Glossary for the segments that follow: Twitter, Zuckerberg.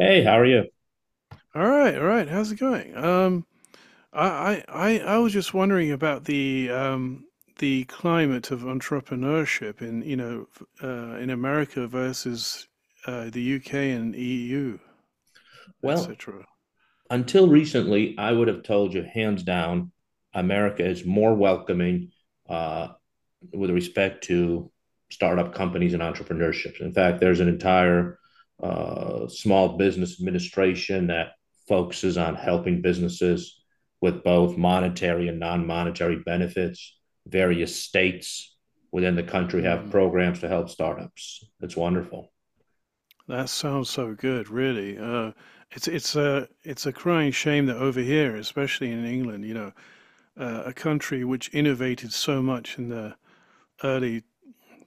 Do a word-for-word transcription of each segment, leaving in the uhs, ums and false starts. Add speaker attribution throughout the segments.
Speaker 1: Hey, how are you?
Speaker 2: All right, all right. How's it going? Um, I, I, I I was just wondering about the um, the climate of entrepreneurship in, you know, f- uh, in America versus uh, the U K and E U,
Speaker 1: Well,
Speaker 2: et cetera.
Speaker 1: until recently, I would have told you hands down, America is more welcoming uh, with respect to startup companies and entrepreneurships. In fact, there's an entire uh, small business administration that focuses on helping businesses with both monetary and non-monetary benefits. Various states within the country have
Speaker 2: Mm.
Speaker 1: programs to help startups. It's wonderful.
Speaker 2: That sounds so good, really. Uh, it's it's a it's a crying shame that over here, especially in England, you know, uh, a country which innovated so much in the early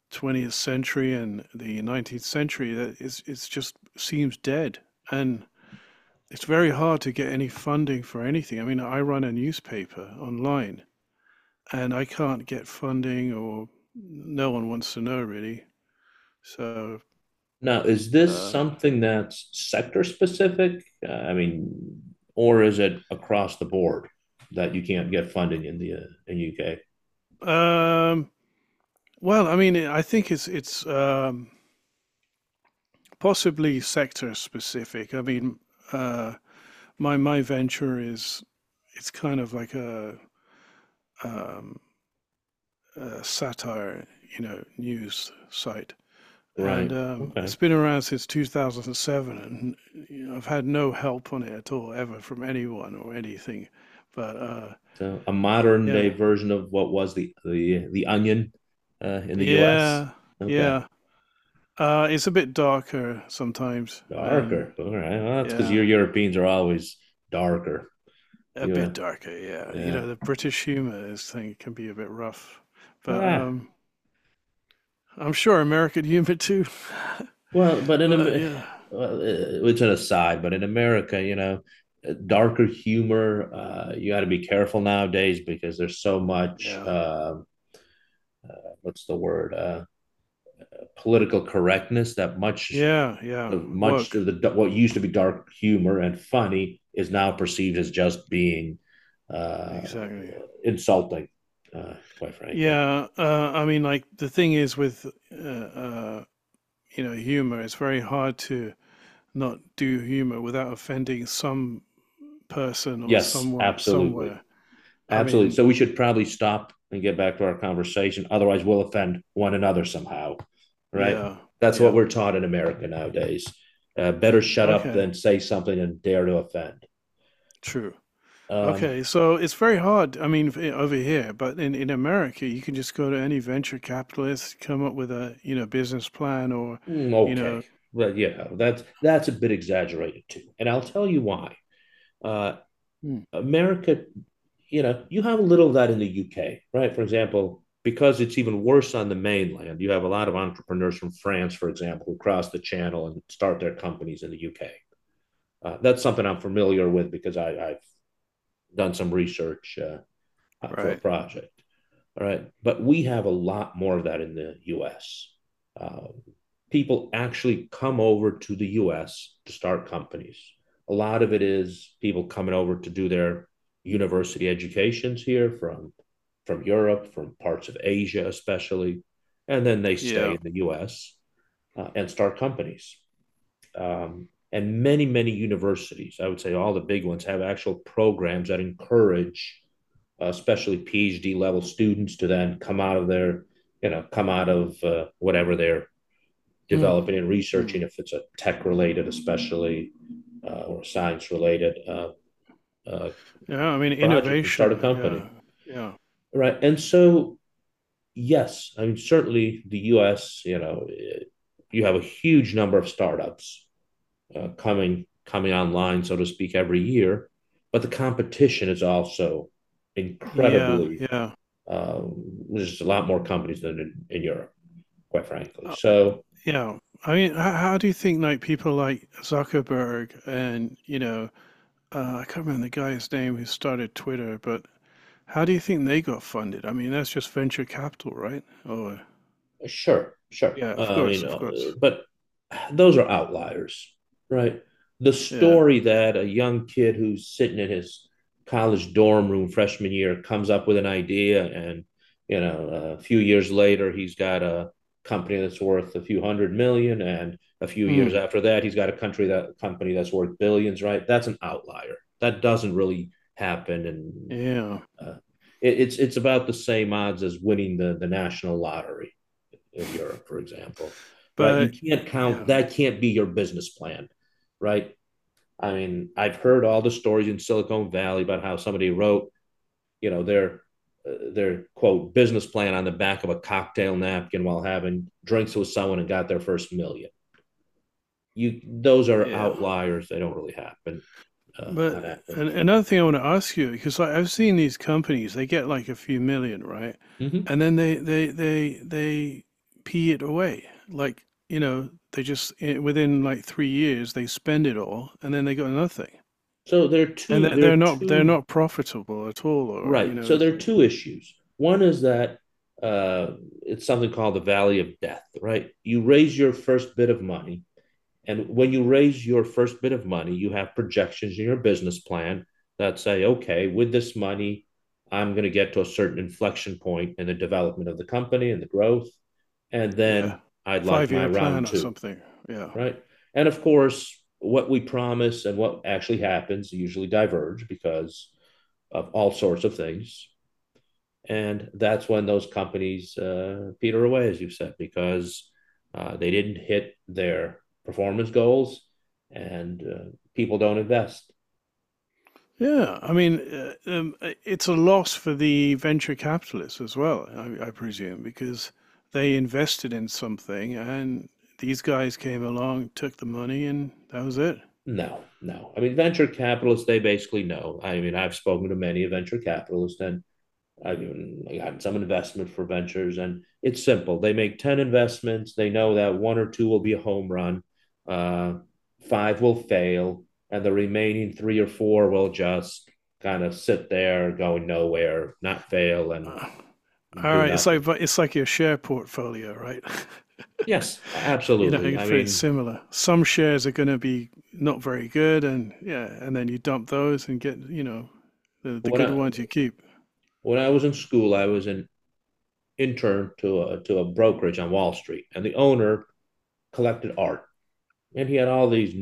Speaker 2: twentieth century and the nineteenth century, that is, it's just seems dead, and it's very hard to get any funding for anything. I mean, I run a newspaper online, and I can't get funding, or no one wants to know, really. So,
Speaker 1: Now, is this
Speaker 2: uh,
Speaker 1: something that's sector specific? Uh, I mean, or is it across the board that you can't get funding in the uh, in U K?
Speaker 2: um, well, I mean, I think it's it's um, possibly sector specific. I mean, uh, my my venture is, it's kind of like a um, uh, satire, you know, news site. And
Speaker 1: Right.
Speaker 2: um,
Speaker 1: Okay.
Speaker 2: it's been around since two thousand seven, and you know, I've had no help on it at all, ever, from anyone or anything. But uh,
Speaker 1: So a modern
Speaker 2: yeah,
Speaker 1: day version of what was the the the onion uh, in the U S.
Speaker 2: yeah,
Speaker 1: Okay.
Speaker 2: yeah. Uh, it's a bit darker sometimes, and,
Speaker 1: Darker. All right. Well, that's because
Speaker 2: yeah,
Speaker 1: your Europeans are always darker.
Speaker 2: a
Speaker 1: You
Speaker 2: bit
Speaker 1: were,
Speaker 2: darker. Yeah, you
Speaker 1: yeah.
Speaker 2: know, the British humor is thing can be a bit rough, but
Speaker 1: Ah,
Speaker 2: um, I'm sure American humor too.
Speaker 1: well, but in
Speaker 2: But
Speaker 1: Am-
Speaker 2: yeah,
Speaker 1: well, uh, it's an aside, but in America, you know, uh, darker humor, uh, you got to be careful nowadays because there's so much,
Speaker 2: yeah,
Speaker 1: uh, what's the word, uh, political correctness that much
Speaker 2: yeah, yeah.
Speaker 1: of much
Speaker 2: Woke.
Speaker 1: of the what used to be dark humor and funny is now perceived as just being uh,
Speaker 2: Exactly.
Speaker 1: insulting, uh, quite frankly.
Speaker 2: Yeah, uh, I mean, like, the thing is with uh, uh, you know humor, it's very hard to not do humor without offending some person or
Speaker 1: Yes,
Speaker 2: someone
Speaker 1: absolutely.
Speaker 2: somewhere. I
Speaker 1: Absolutely.
Speaker 2: mean,
Speaker 1: So we should probably stop and get back to our conversation. Otherwise, we'll offend one another somehow. Right?
Speaker 2: yeah,
Speaker 1: That's what
Speaker 2: yeah.
Speaker 1: we're taught in America nowadays. Uh, better shut up
Speaker 2: Okay,
Speaker 1: than say something and dare to offend.
Speaker 2: true.
Speaker 1: Um,
Speaker 2: Okay, so it's very hard. I mean, f- over here, but in in America, you can just go to any venture capitalist, come up with a you know business plan, or
Speaker 1: mm,
Speaker 2: you
Speaker 1: okay.
Speaker 2: know.
Speaker 1: Well, yeah, that's that's a bit exaggerated too. And I'll tell you why. Uh,
Speaker 2: Mm.
Speaker 1: America, you know, you have a little of that in the U K, right? For example, because it's even worse on the mainland, you have a lot of entrepreneurs from France, for example, who cross the channel and start their companies in the U K. Uh, that's something I'm familiar with because I have done some research uh, for a
Speaker 2: Right.
Speaker 1: project. All right. But we have a lot more of that in the U S. Uh, People actually come over to the U S to start companies. A lot of it is people coming over to do their university educations here from, from Europe, from parts of Asia, especially. And then they stay
Speaker 2: Yeah.
Speaker 1: in the U S uh, and start companies, um, and many many universities, I would say all the big ones, have actual programs that encourage uh, especially PhD level students to then come out of their, you know, come out of uh, whatever they're
Speaker 2: Mm.
Speaker 1: developing and
Speaker 2: Mm.
Speaker 1: researching, if it's a tech related especially uh, or science related uh, uh,
Speaker 2: Yeah, I mean,
Speaker 1: project, and start a
Speaker 2: innovation.
Speaker 1: company,
Speaker 2: Yeah, yeah,
Speaker 1: right? And so yes, I mean certainly the US, you know, eh, you have a huge number of startups uh, coming coming online, so to speak, every year. But the competition is also
Speaker 2: yeah,
Speaker 1: incredibly
Speaker 2: yeah,
Speaker 1: um, there's a lot more companies than in, in Europe, quite frankly.
Speaker 2: uh,
Speaker 1: So
Speaker 2: yeah. I mean, how, how do you think, like, people like Zuckerberg and, you know uh, I can't remember the guy's name who started Twitter, but how do you think they got funded? I mean, that's just venture capital, right? Oh,
Speaker 1: sure, sure.
Speaker 2: yeah, of
Speaker 1: I mean,
Speaker 2: course, of
Speaker 1: uh,
Speaker 2: course.
Speaker 1: but those are outliers, right? The
Speaker 2: Yeah.
Speaker 1: story that a young kid who's sitting in his college dorm room freshman year comes up with an idea, and you know, a few years later, he's got a company that's worth a few hundred million, and a few years
Speaker 2: Mm,
Speaker 1: after that, he's got a country that company that's worth billions, right? That's an outlier. That doesn't really happen, and
Speaker 2: yeah.
Speaker 1: uh, it, it's it's about the same odds as winning the the national lottery in Europe, for example, right? You
Speaker 2: But uh,
Speaker 1: can't count
Speaker 2: yeah,
Speaker 1: that can't be your business plan, right? I mean, I've heard all the stories in Silicon Valley about how somebody wrote, you know, their uh, their quote business plan on the back of a cocktail napkin while having drinks with someone and got their first million. You those are
Speaker 2: yeah.
Speaker 1: outliers; they don't really happen uh, on
Speaker 2: But an-
Speaker 1: average.
Speaker 2: another thing I want to ask you, because, like, I've seen these companies, they get like a few million, right?
Speaker 1: Mm-hmm.
Speaker 2: And then they they they they pee it away. Like, you know, they just i- within like three years they spend it all, and then they got nothing.
Speaker 1: So there are
Speaker 2: And
Speaker 1: two
Speaker 2: they're,
Speaker 1: there
Speaker 2: they're
Speaker 1: are
Speaker 2: not they're
Speaker 1: two,
Speaker 2: not profitable at all, or, you
Speaker 1: right?
Speaker 2: know,
Speaker 1: So
Speaker 2: it's
Speaker 1: there are
Speaker 2: like,
Speaker 1: two issues. One is that uh, it's something called the valley of death, right? You raise your first bit of money. And when you raise your first bit of money, you have projections in your business plan that say, okay, with this money, I'm going to get to a certain inflection point in the development of the company and the growth. And
Speaker 2: yeah,
Speaker 1: then I'd like
Speaker 2: five
Speaker 1: my
Speaker 2: year
Speaker 1: round
Speaker 2: plan or
Speaker 1: two,
Speaker 2: something. Yeah.
Speaker 1: right? And of course, what we promise and what actually happens usually diverge because of all sorts of things, and that's when those companies uh, peter away, as you have said, because uh, they didn't hit their performance goals, and uh, people don't invest.
Speaker 2: Yeah, I mean, uh, um, uh, it's a loss for the venture capitalists as well, I, I presume, because they invested in something, and these guys came along, took the money, and that was it.
Speaker 1: No, no. I mean, venture capitalists, they basically know. I mean, I've spoken to many venture capitalists, and I got some investment for ventures, and it's simple. They make ten investments. They know that one or two will be a home run, uh, five will fail, and the remaining three or four will just kind of sit there going nowhere, not fail, and
Speaker 2: Uh, all
Speaker 1: do
Speaker 2: right, it's
Speaker 1: nothing.
Speaker 2: like it's like your share portfolio, right?
Speaker 1: Yes,
Speaker 2: you know,
Speaker 1: absolutely. I
Speaker 2: it's pretty
Speaker 1: mean,
Speaker 2: similar. Some shares are going to be not very good, and, yeah, and then you dump those and get you know the the
Speaker 1: when
Speaker 2: good
Speaker 1: I
Speaker 2: ones you keep.
Speaker 1: when I was in school, I was an intern to a to a brokerage on Wall Street, and the owner collected art, and he had all these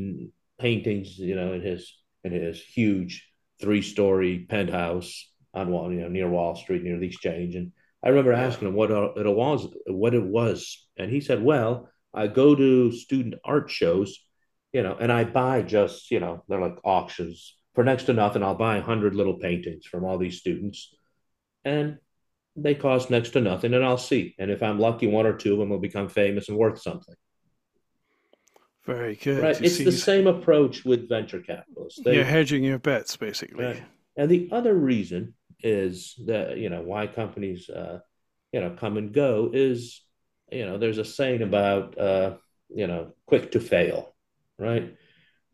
Speaker 1: paintings, you know, in his, in his huge three story penthouse on Wall, you know, near Wall Street, near the Exchange. And I remember
Speaker 2: Yeah.
Speaker 1: asking him what uh, it was, what it was, and he said, "Well, I go to student art shows, you know, and I buy just, you know, they're like auctions for next to nothing. I'll buy a hundred little paintings from all these students, and they cost next to nothing, and I'll see. And if I'm lucky, one or two of them will become famous and worth something."
Speaker 2: Very
Speaker 1: Right.
Speaker 2: good. You
Speaker 1: It's
Speaker 2: see,
Speaker 1: the
Speaker 2: he's-
Speaker 1: same approach with venture capitalists.
Speaker 2: you're
Speaker 1: They
Speaker 2: hedging your bets, basically.
Speaker 1: right. And the other reason is that, you know, why companies uh, you know come and go is, you know, there's a saying about uh, you know, quick to fail, right?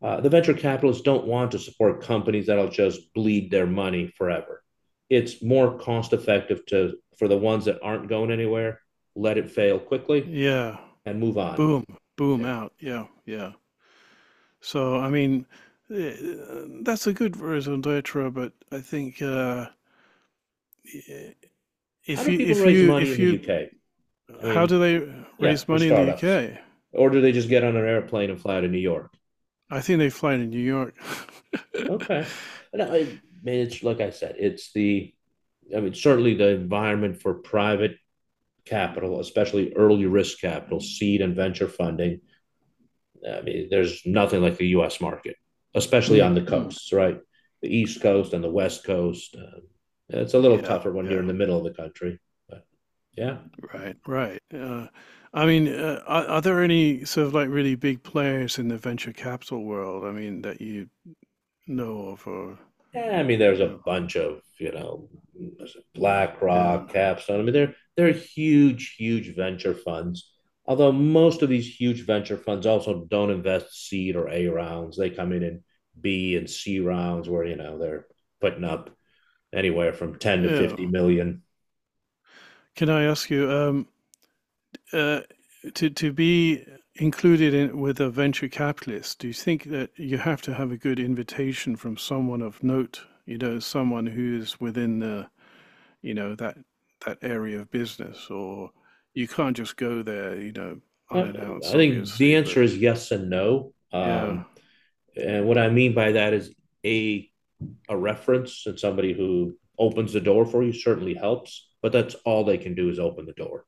Speaker 1: Uh, the venture capitalists don't want to support companies that'll just bleed their money forever. It's more cost effective to, for the ones that aren't going anywhere, let it fail quickly
Speaker 2: Yeah.
Speaker 1: and move on.
Speaker 2: Boom. Boom
Speaker 1: Yeah.
Speaker 2: out. Yeah. Yeah. So, I mean, eh, that's a good raison d'etre, but I think, uh, eh,
Speaker 1: How
Speaker 2: if
Speaker 1: do
Speaker 2: you,
Speaker 1: people
Speaker 2: if
Speaker 1: raise
Speaker 2: you,
Speaker 1: money in
Speaker 2: if
Speaker 1: the
Speaker 2: you,
Speaker 1: U K? I
Speaker 2: how
Speaker 1: mean,
Speaker 2: do they
Speaker 1: yeah,
Speaker 2: raise
Speaker 1: for
Speaker 2: money in the
Speaker 1: startups.
Speaker 2: U K?
Speaker 1: Or do they just get on an airplane and fly to New York?
Speaker 2: I think they fly to New York.
Speaker 1: Okay. No, I mean, it's like I said, it's the, I mean, certainly the environment for private capital, especially early risk capital, seed and venture funding. I mean, there's nothing like the U S market, especially
Speaker 2: Mm,
Speaker 1: on the
Speaker 2: mm.
Speaker 1: coasts, right? The East Coast and the West Coast. Uh, it's a little
Speaker 2: Yeah.
Speaker 1: tougher when you're
Speaker 2: Yeah.
Speaker 1: in the middle of the country. But yeah,
Speaker 2: Right. Right. Uh, I mean, uh, are, are there any sort of, like, really big players in the venture capital world? I mean, that you know of, or
Speaker 1: yeah, I mean, there's a
Speaker 2: yeah,
Speaker 1: bunch of, you know,
Speaker 2: yeah,
Speaker 1: BlackRock, Capstone. I mean, they're they're huge, huge venture funds. Although most of these huge venture funds also don't invest seed or A rounds, they come in in B and C rounds where you know they're putting up anywhere from ten to
Speaker 2: yeah.
Speaker 1: fifty million.
Speaker 2: Can I ask you, um, uh, to to be included in with a venture capitalist? Do you think that you have to have a good invitation from someone of note? You know, someone who is within the, you know that that area of business, or you can't just go there, you know,
Speaker 1: I I
Speaker 2: unannounced,
Speaker 1: think the
Speaker 2: obviously.
Speaker 1: answer
Speaker 2: But
Speaker 1: is yes and no.
Speaker 2: yeah,
Speaker 1: Um, and what I mean by that is a a reference and somebody who opens the door for you certainly helps, but that's all they can do is open the door.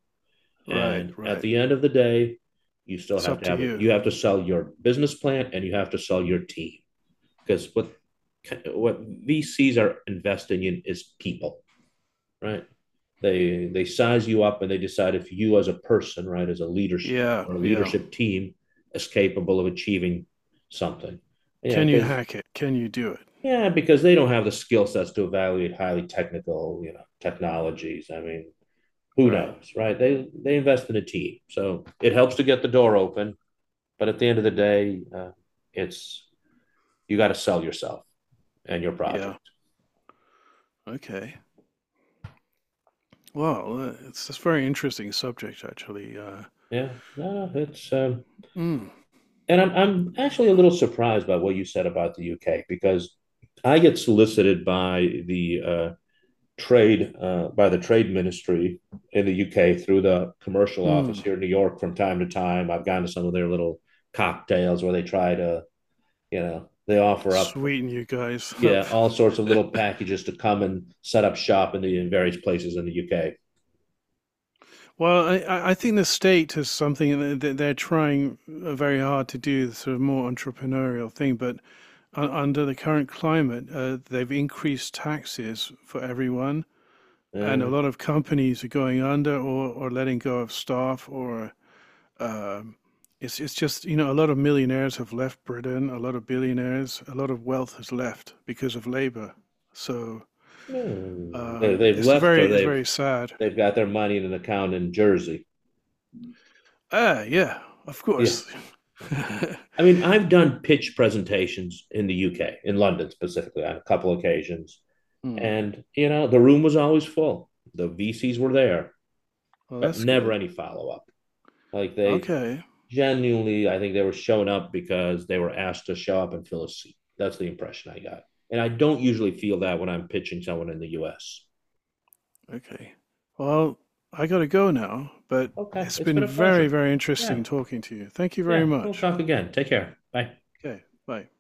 Speaker 2: right,
Speaker 1: And at
Speaker 2: right.
Speaker 1: the end of the day, you still
Speaker 2: It's
Speaker 1: have
Speaker 2: up
Speaker 1: to
Speaker 2: to
Speaker 1: have it.
Speaker 2: you.
Speaker 1: You have to sell your business plan and you have to sell your team, because what what V Cs are investing in is people, right? They they size you up and they decide if you as a person, right, as a leadership
Speaker 2: Yeah,
Speaker 1: or a
Speaker 2: yeah.
Speaker 1: leadership team is capable of achieving something. Yeah,
Speaker 2: Can you
Speaker 1: because
Speaker 2: hack it? Can you do it?
Speaker 1: yeah, because they don't have the skill sets to evaluate highly technical, you know, technologies. I mean, who
Speaker 2: Right.
Speaker 1: knows, right? They they invest in a team, so it helps to get the door open. But at the end of the day, uh, it's you got to sell yourself and your
Speaker 2: Yeah.
Speaker 1: project.
Speaker 2: Okay. Well, uh, it's this very interesting subject, actually. Uh,
Speaker 1: Yeah, no, no, it's um,
Speaker 2: mm,
Speaker 1: and I'm I'm actually a
Speaker 2: uh,
Speaker 1: little surprised by what you said about the U K, because I get solicited by the uh, trade uh, by the trade ministry in the U K through the commercial office
Speaker 2: mm,
Speaker 1: here in New York from time to time. I've gone to some of their little cocktails where they try to, you know, they offer up,
Speaker 2: Sweeten you guys up.
Speaker 1: yeah, all sorts of little packages to come and set up shop in the, in various places in the U K.
Speaker 2: Well, I, I I think the state is something that they're trying, uh, very hard to do, the sort of more entrepreneurial thing. But un- under the current climate, uh, they've increased taxes for everyone, and a
Speaker 1: Uh,
Speaker 2: lot of companies are going under, or, or letting go of staff, or... Um, it's it's just you know a lot of millionaires have left Britain, a lot of billionaires, a lot of wealth has left because of labor. So
Speaker 1: hmm. They-
Speaker 2: um,
Speaker 1: they've
Speaker 2: it's a
Speaker 1: left or
Speaker 2: very it's
Speaker 1: they've
Speaker 2: very sad.
Speaker 1: they've got their money in an account in Jersey.
Speaker 2: Ah, yeah, of
Speaker 1: Yeah,
Speaker 2: course.
Speaker 1: I mean, I've done pitch presentations in the U K, in London specifically, on a couple occasions.
Speaker 2: Hmm.
Speaker 1: And, you know, the room was always full. The V Cs were there,
Speaker 2: Well,
Speaker 1: but
Speaker 2: that's
Speaker 1: never
Speaker 2: good.
Speaker 1: any follow up. Like they
Speaker 2: Okay,
Speaker 1: genuinely, I think they were showing up because they were asked to show up and fill a seat. That's the impression I got. And I don't usually feel that when I'm pitching someone in the U S.
Speaker 2: okay. Well, I gotta go now, but
Speaker 1: Okay,
Speaker 2: it's
Speaker 1: it's been
Speaker 2: been
Speaker 1: a
Speaker 2: very,
Speaker 1: pleasure.
Speaker 2: very
Speaker 1: Yeah,
Speaker 2: interesting talking to you. Thank you very
Speaker 1: yeah, we'll
Speaker 2: much.
Speaker 1: talk again. Take care. Bye.
Speaker 2: Okay, bye.